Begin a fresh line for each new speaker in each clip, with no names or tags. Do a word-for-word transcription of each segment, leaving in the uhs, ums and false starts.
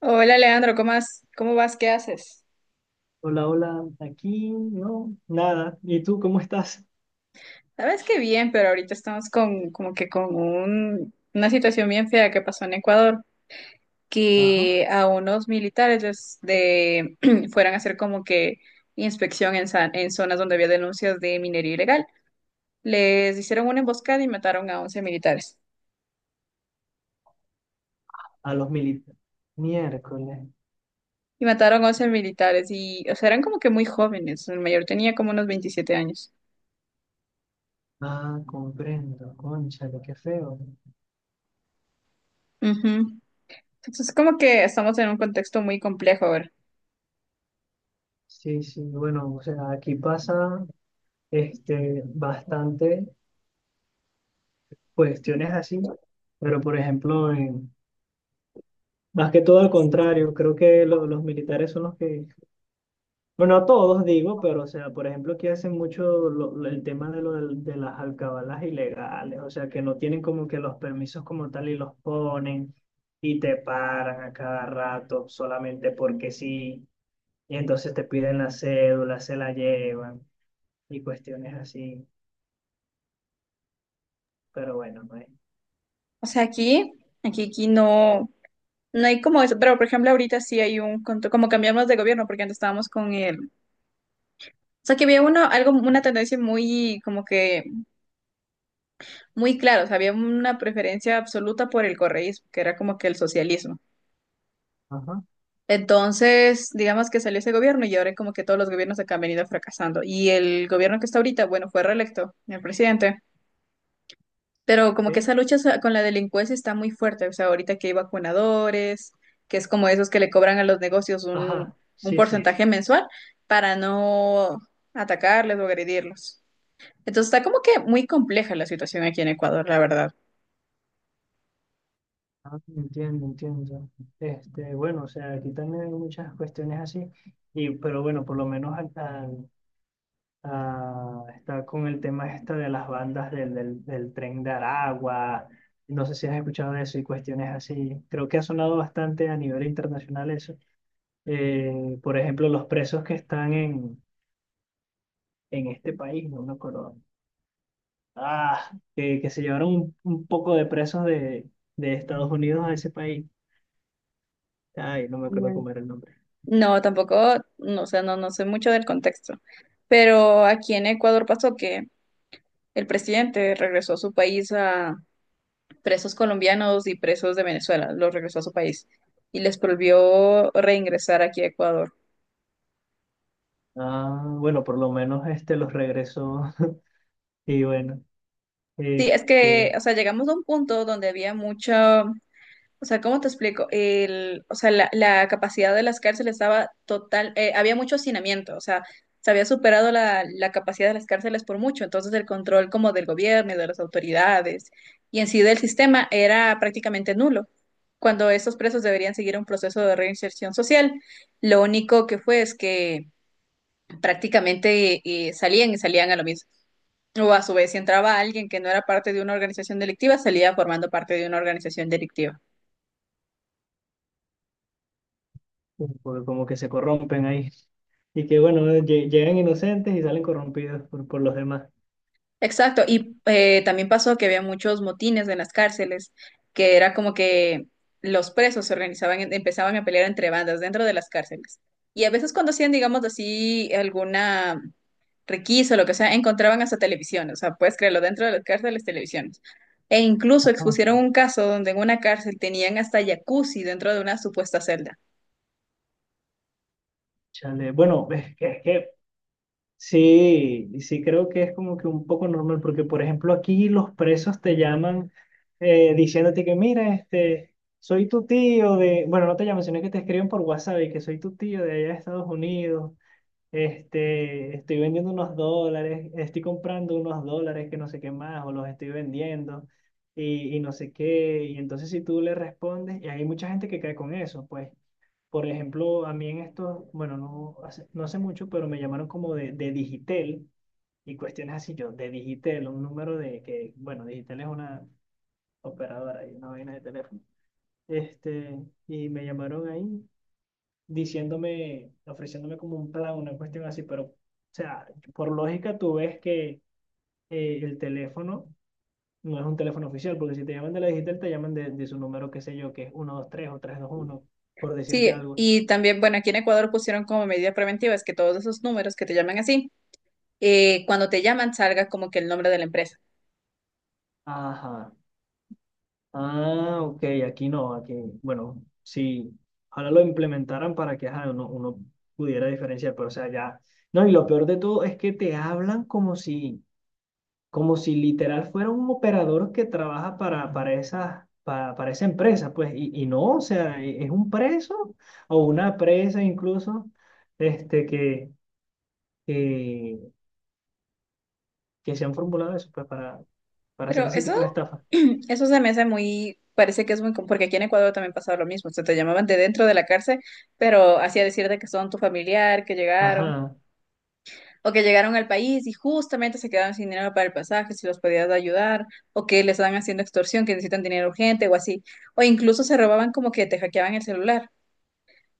Hola Leandro, ¿cómo vas? ¿Cómo vas? ¿Qué haces?
Hola, hola, aquí no, nada. ¿Y tú cómo estás?
Sabes que bien, pero ahorita estamos con como que con un- una situación bien fea que pasó en Ecuador,
Ajá,
que a unos militares les de, fueran a hacer como que inspección en, sa- en zonas donde había denuncias de minería ilegal. Les hicieron una emboscada y mataron a once militares.
a los militares. Miércoles.
Y mataron a once militares y, o sea, eran como que muy jóvenes. El mayor tenía como unos veintisiete años.
Ah, comprendo, cónchale, qué feo.
Ujú. Entonces, como que estamos en un contexto muy complejo ahora.
Sí, sí, bueno, o sea, aquí pasa este, bastante cuestiones así, pero por ejemplo, en- más que todo al contrario, creo que lo- los militares son los que. Bueno, a todos digo, pero o sea, por ejemplo, aquí hacen mucho lo- lo- el tema de, lo del- de las alcabalas ilegales, o sea, que no tienen como que los permisos como tal y los ponen y te paran a cada rato solamente porque sí, y entonces te piden la cédula, se la llevan y cuestiones así, pero bueno, no es.
O sea, aquí, aquí, aquí no, no hay como eso, pero por ejemplo ahorita sí hay un, contro- como cambiamos de gobierno, porque antes estábamos con el, o sea, que había uno, algo, una tendencia muy, como que, muy clara, o sea, había una preferencia absoluta por el correísmo, que era como que el socialismo.
Ajá,
Entonces, digamos que salió ese gobierno y ahora como que todos los gobiernos acá han venido fracasando. Y el gobierno que está ahorita, bueno, fue reelecto, el presidente. Pero como que
sí.
esa lucha sa- con la delincuencia está muy fuerte. O sea, ahorita que hay vacunadores, que es como esos que le cobran a los negocios un,
Ajá,
un
sí, sí.
porcentaje mensual para no atacarles o agredirlos. Entonces está como que muy compleja la situación aquí en Ecuador, la verdad.
Ah, entiendo, entiendo. Este, bueno, o sea, aquí también hay muchas cuestiones así, y, pero bueno, por lo menos acá. Ah, está con el tema este de las bandas del, del, del tren de Aragua. No sé si has escuchado de eso y cuestiones así. Creo que ha sonado bastante a nivel internacional eso. Eh, por ejemplo, los presos que están en, en este país, no me acuerdo. Ah, que, que se llevaron un, un poco de presos de, de Estados Unidos a ese país. Ay, no me acuerdo
Mm.
cómo era el nombre.
No, tampoco, no, o sea, no, no sé mucho del contexto. Pero aquí en Ecuador pasó que el presidente regresó a su país a presos colombianos y presos de Venezuela, los regresó a su país y les prohibió reingresar aquí a Ecuador.
Ah, bueno, por lo menos este los regresó. Y bueno,
Sí, es que,
este,
o sea, llegamos a un punto donde había mucha, o sea, ¿cómo te explico? El, o sea, la, la capacidad de las cárceles estaba total, eh, había mucho hacinamiento, o sea, se había superado la, la capacidad de las cárceles por mucho, entonces el control como del gobierno y de las autoridades y en sí del sistema era prácticamente nulo, cuando estos presos deberían seguir un proceso de reinserción social. Lo único que fue es que prácticamente eh, salían y salían a lo mismo. O a su vez, si entraba alguien que no era parte de una organización delictiva, salía formando parte de una organización delictiva.
porque como que se corrompen ahí. Y que bueno, lle- llegan inocentes y salen corrompidos por, por los demás.
Exacto, y eh, también pasó que había muchos motines en las cárceles, que era como que los presos se organizaban, en- empezaban a pelear entre bandas dentro de las cárceles. Y a veces cuando hacían, digamos así, alguna requisa o lo que sea, encontraban hasta televisión, o sea, puedes creerlo, dentro de las cárceles, televisiones. E incluso
Ajá.
expusieron un caso donde en una cárcel tenían hasta jacuzzi dentro de una supuesta celda.
Chale, bueno, es que, es que sí, sí creo que es como que un poco normal, porque por ejemplo aquí los presos te llaman, eh, diciéndote que mira, este, soy tu tío de, bueno, no te llaman, sino que te escriben por WhatsApp y que soy tu tío de allá de Estados Unidos. Este, estoy vendiendo unos dólares, estoy comprando unos dólares que no sé qué más, o los estoy vendiendo y, y no sé qué. Y entonces si tú le respondes, y hay mucha gente que cae con eso, pues, por ejemplo, a mí en esto, bueno, no hace, no hace mucho, pero me llamaron como de, de Digitel y cuestiones así, yo, de Digitel, un número de que, bueno, Digitel es una operadora y una vaina de teléfono. Este, y me llamaron ahí diciéndome, ofreciéndome como un plan, una cuestión así, pero, o sea, por lógica tú ves que eh, el teléfono no es un teléfono oficial, porque si te llaman de la digital, te llaman de, de su número, qué sé yo, que es uno dos tres o tres dos uno por decirte
Sí,
algo.
y también, bueno, aquí en Ecuador pusieron como medida preventiva, es que todos esos números que te llaman así, eh, cuando te llaman salga como que el nombre de la empresa.
Ajá. Ah, ok, aquí no, aquí, bueno, sí, ahora lo implementaran para que ajá, uno, uno pudiera diferenciar, pero o sea, ya. No, y lo peor de todo es que te hablan como si como si literal fuera un operador que trabaja para, para, esa, para, para esa empresa, pues, y, y no, o sea, e- es un preso o una presa incluso, este, que, que, que se han formulado eso, pues, para, para hacer
Pero
ese
eso,
tipo de estafa.
eso se me hace muy, parece que es muy, com- porque aquí en Ecuador también pasaba lo mismo, o sea, te llamaban de dentro de la cárcel, pero hacía decirte que son tu familiar, que llegaron,
Ajá,
o que llegaron al país y justamente se quedaron sin dinero para el pasaje, si los podías ayudar, o que les están haciendo extorsión, que necesitan dinero urgente o así, o incluso se robaban como que te hackeaban el celular.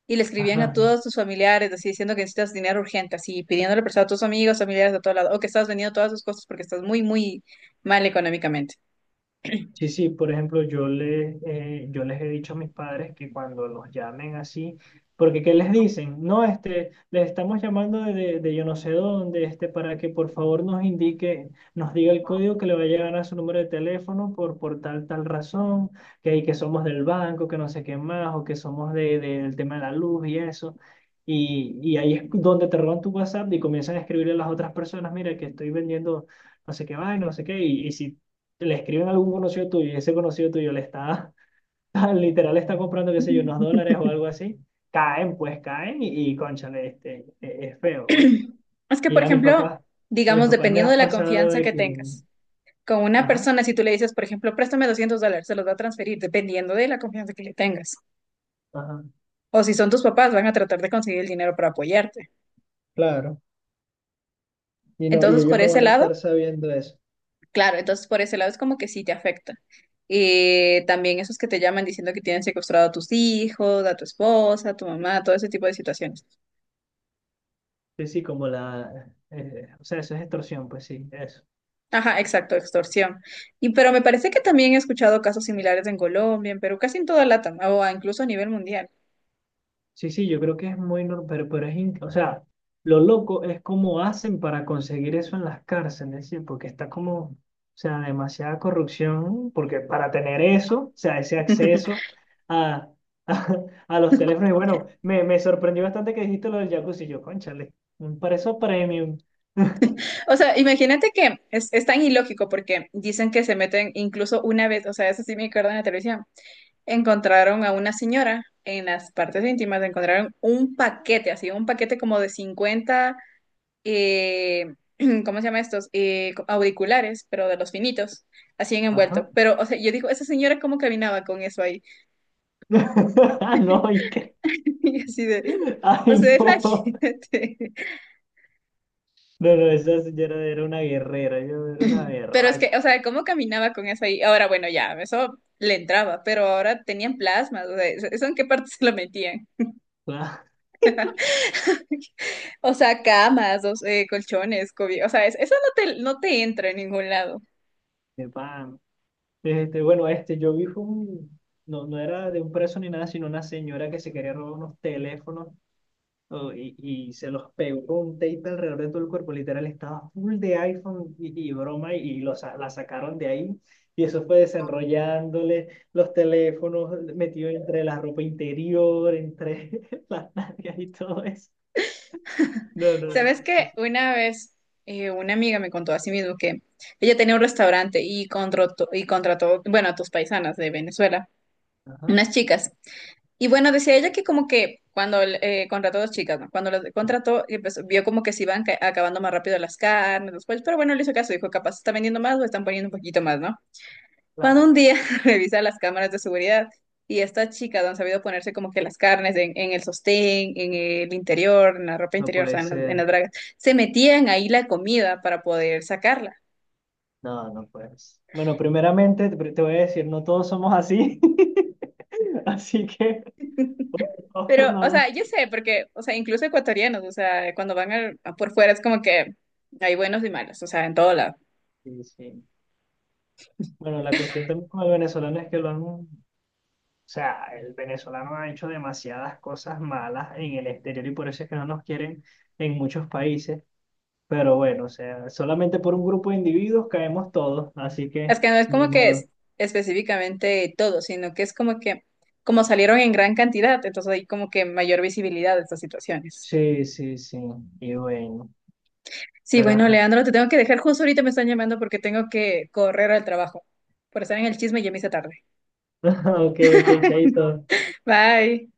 Y le escribían a
ajá.
todos tus familiares, así diciendo que necesitas dinero urgente, así pidiéndole prestado a tus amigos, familiares de todo lado, o que estás vendiendo todas tus cosas porque estás muy, muy mal económicamente.
Sí, sí, por ejemplo, yo, le, eh, yo les he dicho a mis padres que cuando los llamen así, porque ¿qué les dicen? No, este, les estamos llamando de, de, de yo no sé dónde, este, para que por favor nos indique, nos diga el código que le va a llegar a su número de teléfono por, por tal, tal razón, que, ahí que somos del banco, que no sé qué más, o que somos de, de- del tema de la luz y eso. Y, y ahí es donde te roban tu WhatsApp y comienzan a escribirle a las otras personas, mira, que estoy vendiendo no sé qué vaina, no sé qué, y, y si le escriben a algún conocido tuyo y ese conocido tuyo le está, literal, le está comprando, qué sé yo, unos dólares o algo así, caen, pues caen y, y cónchale, este, e- es feo. Bueno,
Es que,
y
por
a mis
ejemplo,
papás, a mis
digamos,
papás les
dependiendo
ha
de la
pasado
confianza
de
que
que,
tengas con una
ajá,
persona, si tú le dices, por ejemplo, préstame doscientos dólares, se los va a transferir, dependiendo de la confianza que le tengas.
ajá.
O si son tus papás, van a tratar de conseguir el dinero para apoyarte.
Claro. Y no, y
Entonces,
ellos
por
no
ese
van a
lado,
estar sabiendo eso.
claro, entonces por ese lado es como que sí te afecta. Eh, también esos que te llaman diciendo que tienen secuestrado a tus hijos, a tu esposa, a tu mamá, todo ese tipo de situaciones.
Sí, sí, como la, eh, o sea, eso es extorsión, pues sí, eso.
Ajá, exacto, extorsión. Y pero me parece que también he escuchado casos similares en Colombia, en Perú, casi en toda LATAM, o incluso a nivel mundial.
Sí, sí, yo creo que es muy normal, pero, pero es, in- o sea, lo loco es cómo hacen para conseguir eso en las cárceles, ¿sí? Porque está como, o sea, demasiada corrupción, porque para tener eso, o sea, ese acceso a, a, a los teléfonos, y bueno, me, me sorprendió bastante que dijiste lo del jacuzzi, yo, cónchale, un para eso premium,
O sea, imagínate que es, es tan ilógico porque dicen que se meten incluso una vez, o sea, eso sí me acuerdo en la televisión, encontraron a una señora en las partes íntimas, encontraron un paquete, así, un paquete como de cincuenta, eh, ¿cómo se llama estos? Eh, co- auriculares, pero de los finitos, así en
ajá,
envuelto. Pero, o sea, yo digo, esa señora cómo caminaba con eso ahí.
no, y que,
Y así de, o
ay,
sea,
no,
imagínate.
no, no, esa señora era una guerrera, yo era una
Pero es que,
berraca,
o sea, cómo caminaba con eso ahí. Ahora, bueno, ya, eso le entraba, pero ahora tenían plasmas, o sea, ¿eso en qué parte se lo metían?
Ah,
O sea, camas, dos, eh, colchones, cobi- o sea, es- eso no te, no te entra en ningún lado.
de pan. Este, bueno, este, yo vi fue un, no, no era de un preso ni nada, sino una señora que se quería robar unos teléfonos, oh, y, y se los pegó con un tape alrededor de todo el cuerpo, literal, estaba full de iPhone y, y broma y, los, sa- la sacaron de ahí y eso fue desenrollándole los teléfonos metidos entre la ropa interior, entre las nalgas y todo eso. No, no, no.
Sabes
No.
que una vez, eh, una amiga me contó a sí mismo que ella tenía un restaurante y contrató, y contrató, bueno, a tus paisanas de Venezuela,
Ajá,
unas chicas. Y bueno, decía ella que como que cuando, eh, contrató dos chicas, ¿no? Cuando las contrató, eh, pues, vio como que se iban ca- acabando más rápido las carnes, los pollos, pero bueno, le hizo caso, dijo, capaz está vendiendo más o están poniendo un poquito más, ¿no? Cuando
claro,
un día revisa las cámaras de seguridad y esta chica no han sabido ponerse como que las carnes en, en el sostén, en el interior, en la ropa
no
interior, o sea,
puede
en, las en las
ser.
bragas, se metían ahí la comida para poder sacarla.
No, no puedes. Bueno, primeramente te te voy a decir, no todos somos así, así que, por favor,
Pero,
no
o
nos...
sea, yo sé, porque, o sea, incluso ecuatorianos, o sea, cuando van al- a por fuera es como que hay buenos y malos, o sea, en todo lado.
Sí, sí. Bueno, la cuestión también con el venezolano es que lo han... O sea, el venezolano ha hecho demasiadas cosas malas en el exterior y por eso es que no nos quieren en muchos países. Pero bueno, o sea, solamente por un grupo de individuos caemos todos, así que
Es que no es
ni
como que
modo.
es específicamente todo, sino que es como que, como salieron en gran cantidad, entonces hay como que mayor visibilidad de estas situaciones.
Sí, sí, sí. Y bueno,
Sí, bueno,
pero...
Leandro, te tengo que dejar, justo ahorita me están llamando porque tengo que correr al trabajo. Por estar en el chisme ya me hice tarde.
Ok, ok, chaito.
Bye.